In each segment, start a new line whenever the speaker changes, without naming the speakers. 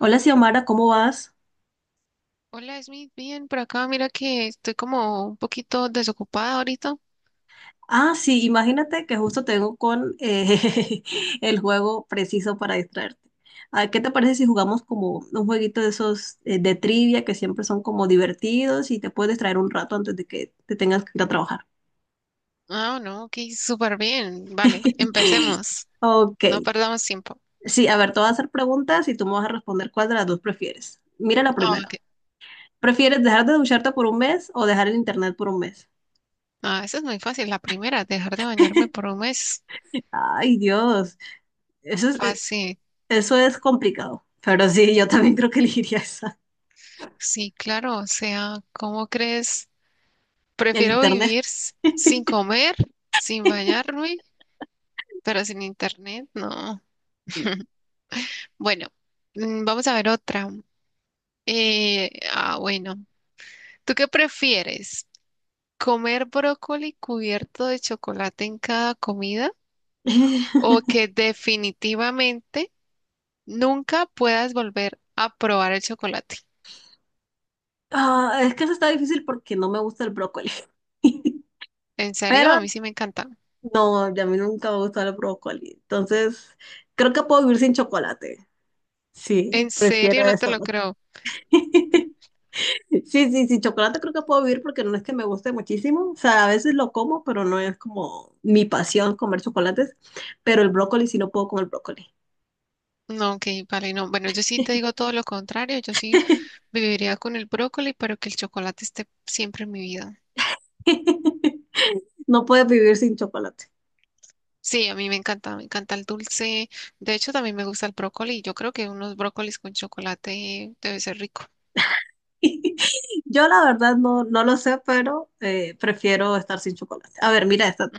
Hola Xiomara, ¿cómo vas?
Hola Smith, bien por acá. Mira que estoy como un poquito desocupada ahorita.
Ah, sí, imagínate que justo tengo con el juego preciso para distraerte. Ah, ¿qué te parece si jugamos como un jueguito de esos de trivia que siempre son como divertidos y te puedes distraer un rato antes de que te tengas que ir a trabajar?
Ah, no, ok, súper bien. Vale, empecemos.
Ok,
No perdamos tiempo.
sí, a ver, te voy a hacer preguntas y tú me vas a responder cuál de las dos prefieres. Mira la
Ok.
primera. ¿Prefieres dejar de ducharte por un mes o dejar el internet por un mes?
Esa es muy fácil. La primera, dejar de bañarme por un mes.
Ay, Dios. Eso es,
Fácil.
eso es complicado, pero sí, yo también creo que elegiría esa,
Sí, claro. O sea, ¿cómo crees?
el
Prefiero
internet.
vivir sin comer, sin bañarme, pero sin internet, no. Bueno, vamos a ver otra. Bueno. ¿Tú qué prefieres? ¿Comer brócoli cubierto de chocolate en cada comida o que definitivamente nunca puedas volver a probar el chocolate?
Ah, es que eso está difícil porque no me gusta el brócoli.
¿En serio?
Pero
A mí sí me encanta.
no, a mí nunca me ha gustado el brócoli. Entonces, creo que puedo vivir sin chocolate. Sí,
¿En serio?
prefiero
No te
eso.
lo creo.
Sí, sí, sin chocolate creo que puedo vivir porque no es que me guste muchísimo. O sea, a veces lo como, pero no es como mi pasión comer chocolates. Pero el brócoli sí no puedo comer brócoli.
No, ok, vale, no. Bueno, yo sí te digo todo lo contrario. Yo sí viviría con el brócoli, pero que el chocolate esté siempre en mi vida.
No puedes vivir sin chocolate.
Sí, a mí me encanta el dulce. De hecho, también me gusta el brócoli. Yo creo que unos brócolis con chocolate debe ser rico.
Yo la verdad no, no lo sé, pero prefiero estar sin chocolate. A ver, mira esta.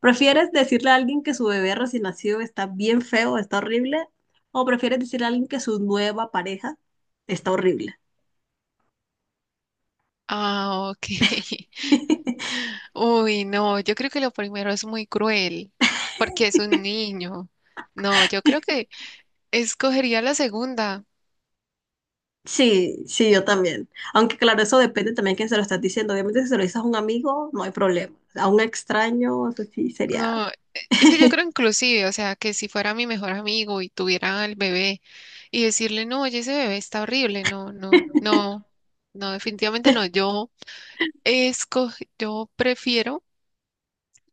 ¿Prefieres decirle a alguien que su bebé recién nacido está bien feo, está horrible? ¿O prefieres decirle a alguien que su nueva pareja está horrible?
Ah, ok. Uy, no, yo creo que lo primero es muy cruel, porque es un niño. No, yo creo que escogería la segunda.
Sí, sí, yo también. Aunque claro, eso depende también de quién se lo estás diciendo. Obviamente, si se lo dices a un amigo, no hay problema. A un extraño, eso sí sería.
No, e- es que yo creo inclusive, o sea, que si fuera mi mejor amigo y tuviera al bebé y decirle, no, oye, ese bebé está horrible, no, no, no, no, definitivamente no. Esco, yo prefiero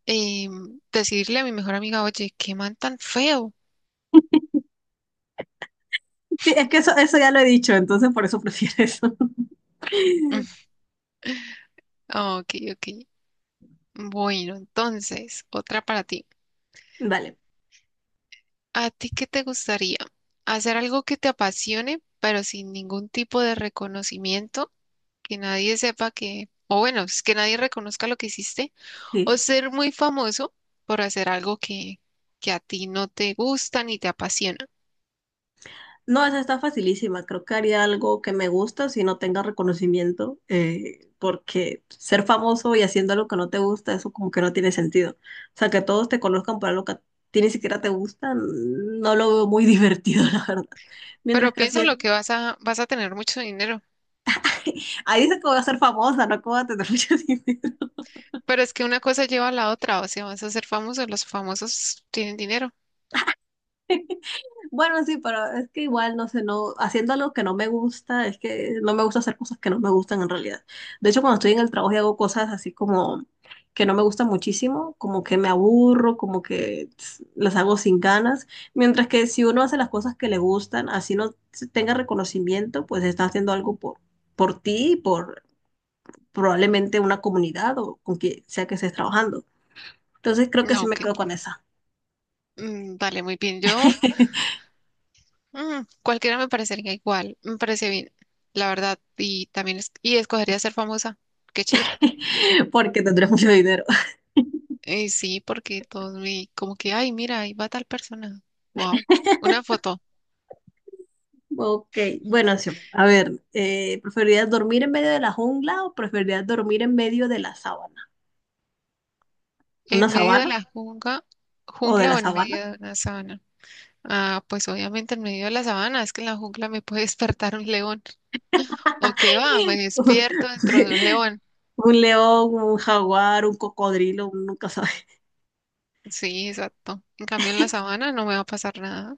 decirle a mi mejor amiga, oye, qué man tan feo.
Sí, es que eso ya lo he dicho, entonces por eso prefiero eso.
Ok, ok. Bueno, entonces, otra para ti.
Vale,
¿A ti qué te gustaría? ¿Hacer algo que te apasione, pero sin ningún tipo de reconocimiento? Que nadie sepa que, o bueno, pues, que nadie reconozca lo que hiciste. ¿O
sí.
ser muy famoso por hacer algo que a ti no te gusta ni te apasiona?
No, esa está facilísima. Creo que haría algo que me gusta si no tenga reconocimiento, porque ser famoso y haciendo lo que no te gusta, eso como que no tiene sentido. O sea, que todos te conozcan para lo que a ti ni siquiera te gusta, no lo veo muy divertido, la verdad. Mientras
Pero
que
piensa lo
haciendo...
que vas a tener mucho dinero.
Ahí dice que voy a ser famosa, no que voy a tener muchos dinero.
Pero es que una cosa lleva a la otra, o sea, vas a ser famoso, los famosos tienen dinero.
Bueno, sí, pero es que igual, no sé, no, haciendo algo que no me gusta, es que no me gusta hacer cosas que no me gustan en realidad. De hecho, cuando estoy en el trabajo y hago cosas así como que no me gustan muchísimo, como que me aburro, como que tss, las hago sin ganas, mientras que si uno hace las cosas que le gustan, así no se tenga reconocimiento, pues está haciendo algo por ti, por probablemente una comunidad o con quien sea que estés trabajando. Entonces creo que sí
No,
me
que,
quedo con esa,
mm, vale, muy bien. Cualquiera me parecería igual, me parece bien, la verdad, y escogería ser famosa, qué chévere.
porque tendré mucho dinero.
Sí, porque como que, ay, mira, ahí va tal persona, wow, una foto,
Ok, bueno, sí, a ver, ¿preferirías dormir en medio de la jungla o preferirías dormir en medio de la sabana? ¿Una
en medio de
sabana
la
o de
jungla
la
o en
sabana?
medio de una sabana. Ah, pues obviamente en medio de la sabana, es que en la jungla me puede despertar un león, o qué va, me despierto dentro de un león.
Un león, un jaguar, un cocodrilo, uno nunca sabe.
Sí, exacto. En cambio en la sabana no me va a pasar nada,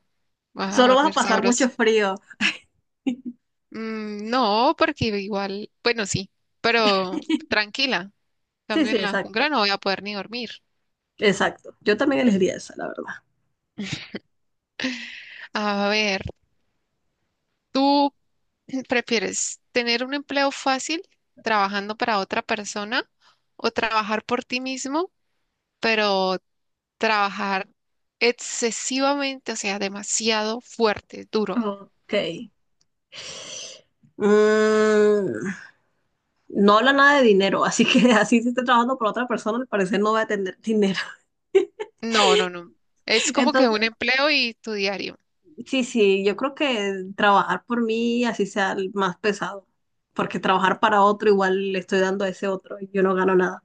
vas a
Solo vas a
dormir
pasar
sabroso.
mucho frío.
No, porque igual, bueno, sí, pero tranquila.
Sí,
Cambio
sí,
en la
exacto,
jungla no voy a poder ni dormir.
exacto. Yo también elegiría esa, la verdad.
A ver, ¿tú prefieres tener un empleo fácil trabajando para otra persona o trabajar por ti mismo, pero trabajar excesivamente, o sea, demasiado fuerte, duro?
Ok. Mm, no habla nada de dinero, así que así si esté trabajando por otra persona, al parecer no va a tener dinero.
No, no, no. Es como que un
Entonces.
empleo y tu diario.
Sí, sí, yo creo que trabajar por mí así sea el más pesado, porque trabajar para otro igual le estoy dando a ese otro y yo no gano nada.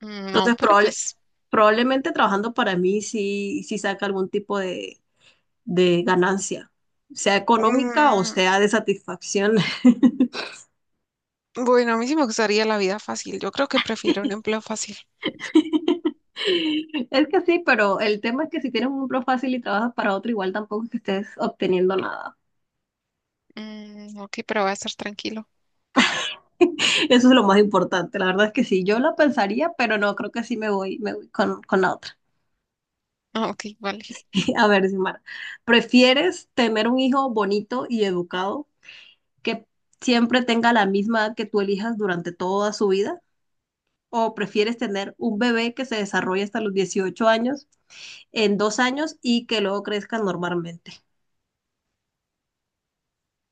No,
Entonces,
pero pues.
probablemente trabajando para mí sí, sí saca algún tipo de ganancia, sea económica o sea de satisfacción.
Bueno, a mí sí me gustaría la vida fácil. Yo creo que prefiero un empleo fácil.
Es que sí, pero el tema es que si tienes un empleo fácil y trabajas para otro igual tampoco es que estés obteniendo nada.
Ok, pero va a estar tranquilo.
Eso es lo más importante. La verdad es que sí, yo lo pensaría, pero no, creo que sí me voy con la otra.
Ah, ok, vale.
A ver, Xiomara, ¿prefieres tener un hijo bonito y educado que siempre tenga la misma edad que tú elijas durante toda su vida? ¿O prefieres tener un bebé que se desarrolle hasta los 18 años, en dos años y que luego crezca normalmente?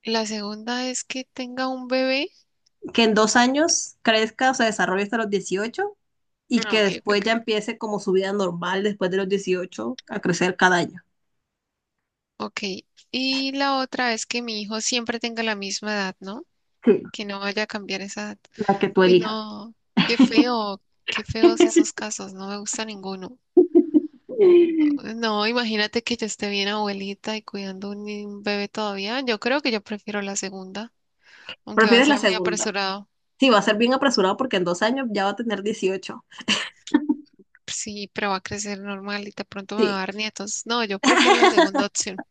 La segunda es que tenga un bebé.
Que en dos años crezca o se desarrolle hasta los 18 y
Ah,
que
ok, ok,
después ya
ok.
empiece como su vida normal después de los 18 a crecer cada año.
Ok. Y la otra es que mi hijo siempre tenga la misma edad, ¿no?
Sí,
Que no vaya a cambiar esa edad.
la que tú
Uy,
elijas.
no, qué feo, qué feos esos casos, no me gusta ninguno. No, imagínate que yo esté bien abuelita y cuidando un, ni- un bebé todavía. Yo creo que yo prefiero la segunda, aunque va a
¿Prefieres la
ser muy
segunda?
apresurado.
Sí, va a ser bien apresurado porque en dos años ya va a tener dieciocho.
Sí, pero va a crecer normal y de pronto me va a
Sí.
dar nietos. No, yo prefiero la segunda opción.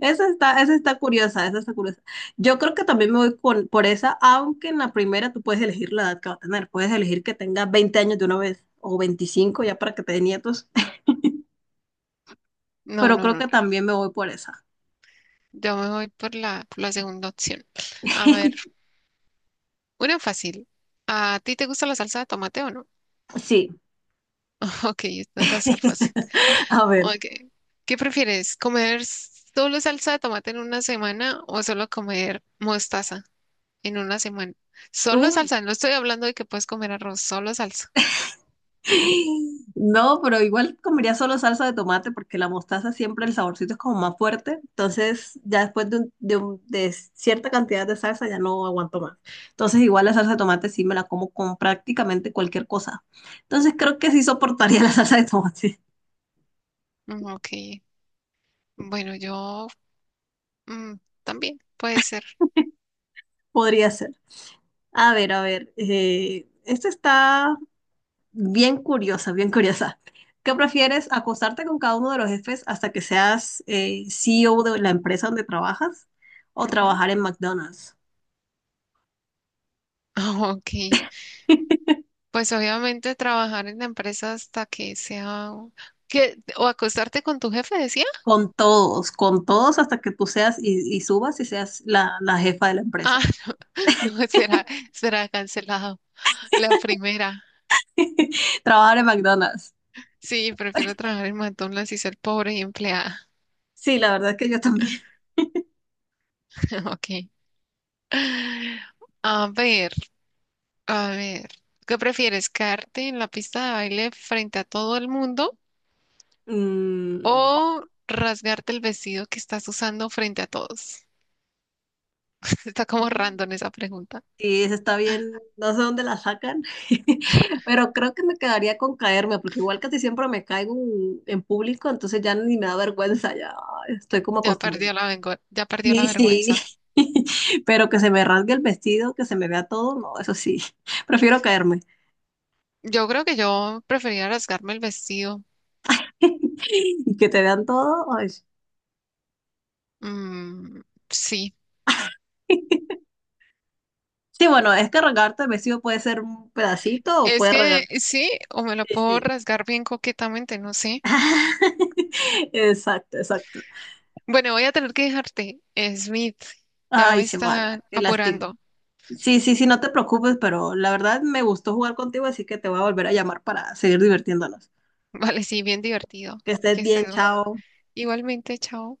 Esa está curiosa, esa está curiosa. Yo creo que también me voy por esa, aunque en la primera tú puedes elegir la edad que va a tener. Puedes elegir que tenga 20 años de una vez o 25 ya para que te dé nietos.
No,
Pero
no,
creo
no.
que también me voy por esa.
Yo me voy por por la segunda opción. A ver, una fácil. ¿A ti te gusta la salsa de tomate o no?
Sí.
Ok, esta va a estar fácil.
A ver.
Ok. ¿Qué prefieres? ¿Comer solo salsa de tomate en una semana o solo comer mostaza en una semana? Solo
Uh,
salsa, no estoy hablando de que puedes comer arroz, solo salsa.
No, pero igual comería solo salsa de tomate porque la mostaza siempre el saborcito es como más fuerte. Entonces, ya después de, de cierta cantidad de salsa ya no aguanto más. Entonces, igual la salsa de tomate sí me la como con prácticamente cualquier cosa. Entonces, creo que sí soportaría la salsa de tomate.
Ok. Bueno, yo mm, también puede ser.
Podría ser. A ver, a ver, esta está bien curiosa, bien curiosa. ¿Qué prefieres, acostarte con cada uno de los jefes hasta que seas CEO de la empresa donde trabajas o
Ujú.
trabajar en McDonald's?
Ah, ok, pues obviamente trabajar en la empresa hasta que o acostarte con tu jefe, decía.
Con todos hasta que tú seas y subas y seas la, la jefa de la
Ah,
empresa.
no, será, será cancelado. La primera.
Trabajar en McDonald's.
Sí, prefiero trabajar en McDonald's y ser pobre y empleada.
Sí, la verdad es que yo también.
Ok. A ver, a ver, ¿qué prefieres, caerte en la pista de baile frente a todo el mundo o rasgarte el vestido que estás usando frente a todos? Está como
Mm,
random esa pregunta.
sí, eso está bien, no sé dónde la sacan, pero creo que me quedaría con caerme, porque igual casi siempre me caigo en público, entonces ya ni me da vergüenza, ya estoy como acostumbrada.
Ya perdió la
Sí, sí,
vergüenza.
pero que se me rasgue el vestido, que se me vea todo, no, eso sí, prefiero caerme
Yo creo que yo prefería rasgarme el vestido.
y que te vean todo. Ay. Sí,
Mm, sí,
sí, bueno, es que regarte el vestido puede ser un pedacito o
es
puede
que
regarte.
sí, o me lo
Sí,
puedo
sí.
rasgar bien coquetamente, no sé.
Exacto, exacto.
Bueno, voy a tener que dejarte, Smith. Ya me
Ay, semana,
están
qué lástima.
apurando.
Sí, sí, sí, no te preocupes, pero la verdad me gustó jugar contigo, así que te voy a volver a llamar para seguir divirtiéndonos.
Vale, sí, bien divertido.
Que estés
Que
bien,
estés muy-
chao.
Igualmente, chao.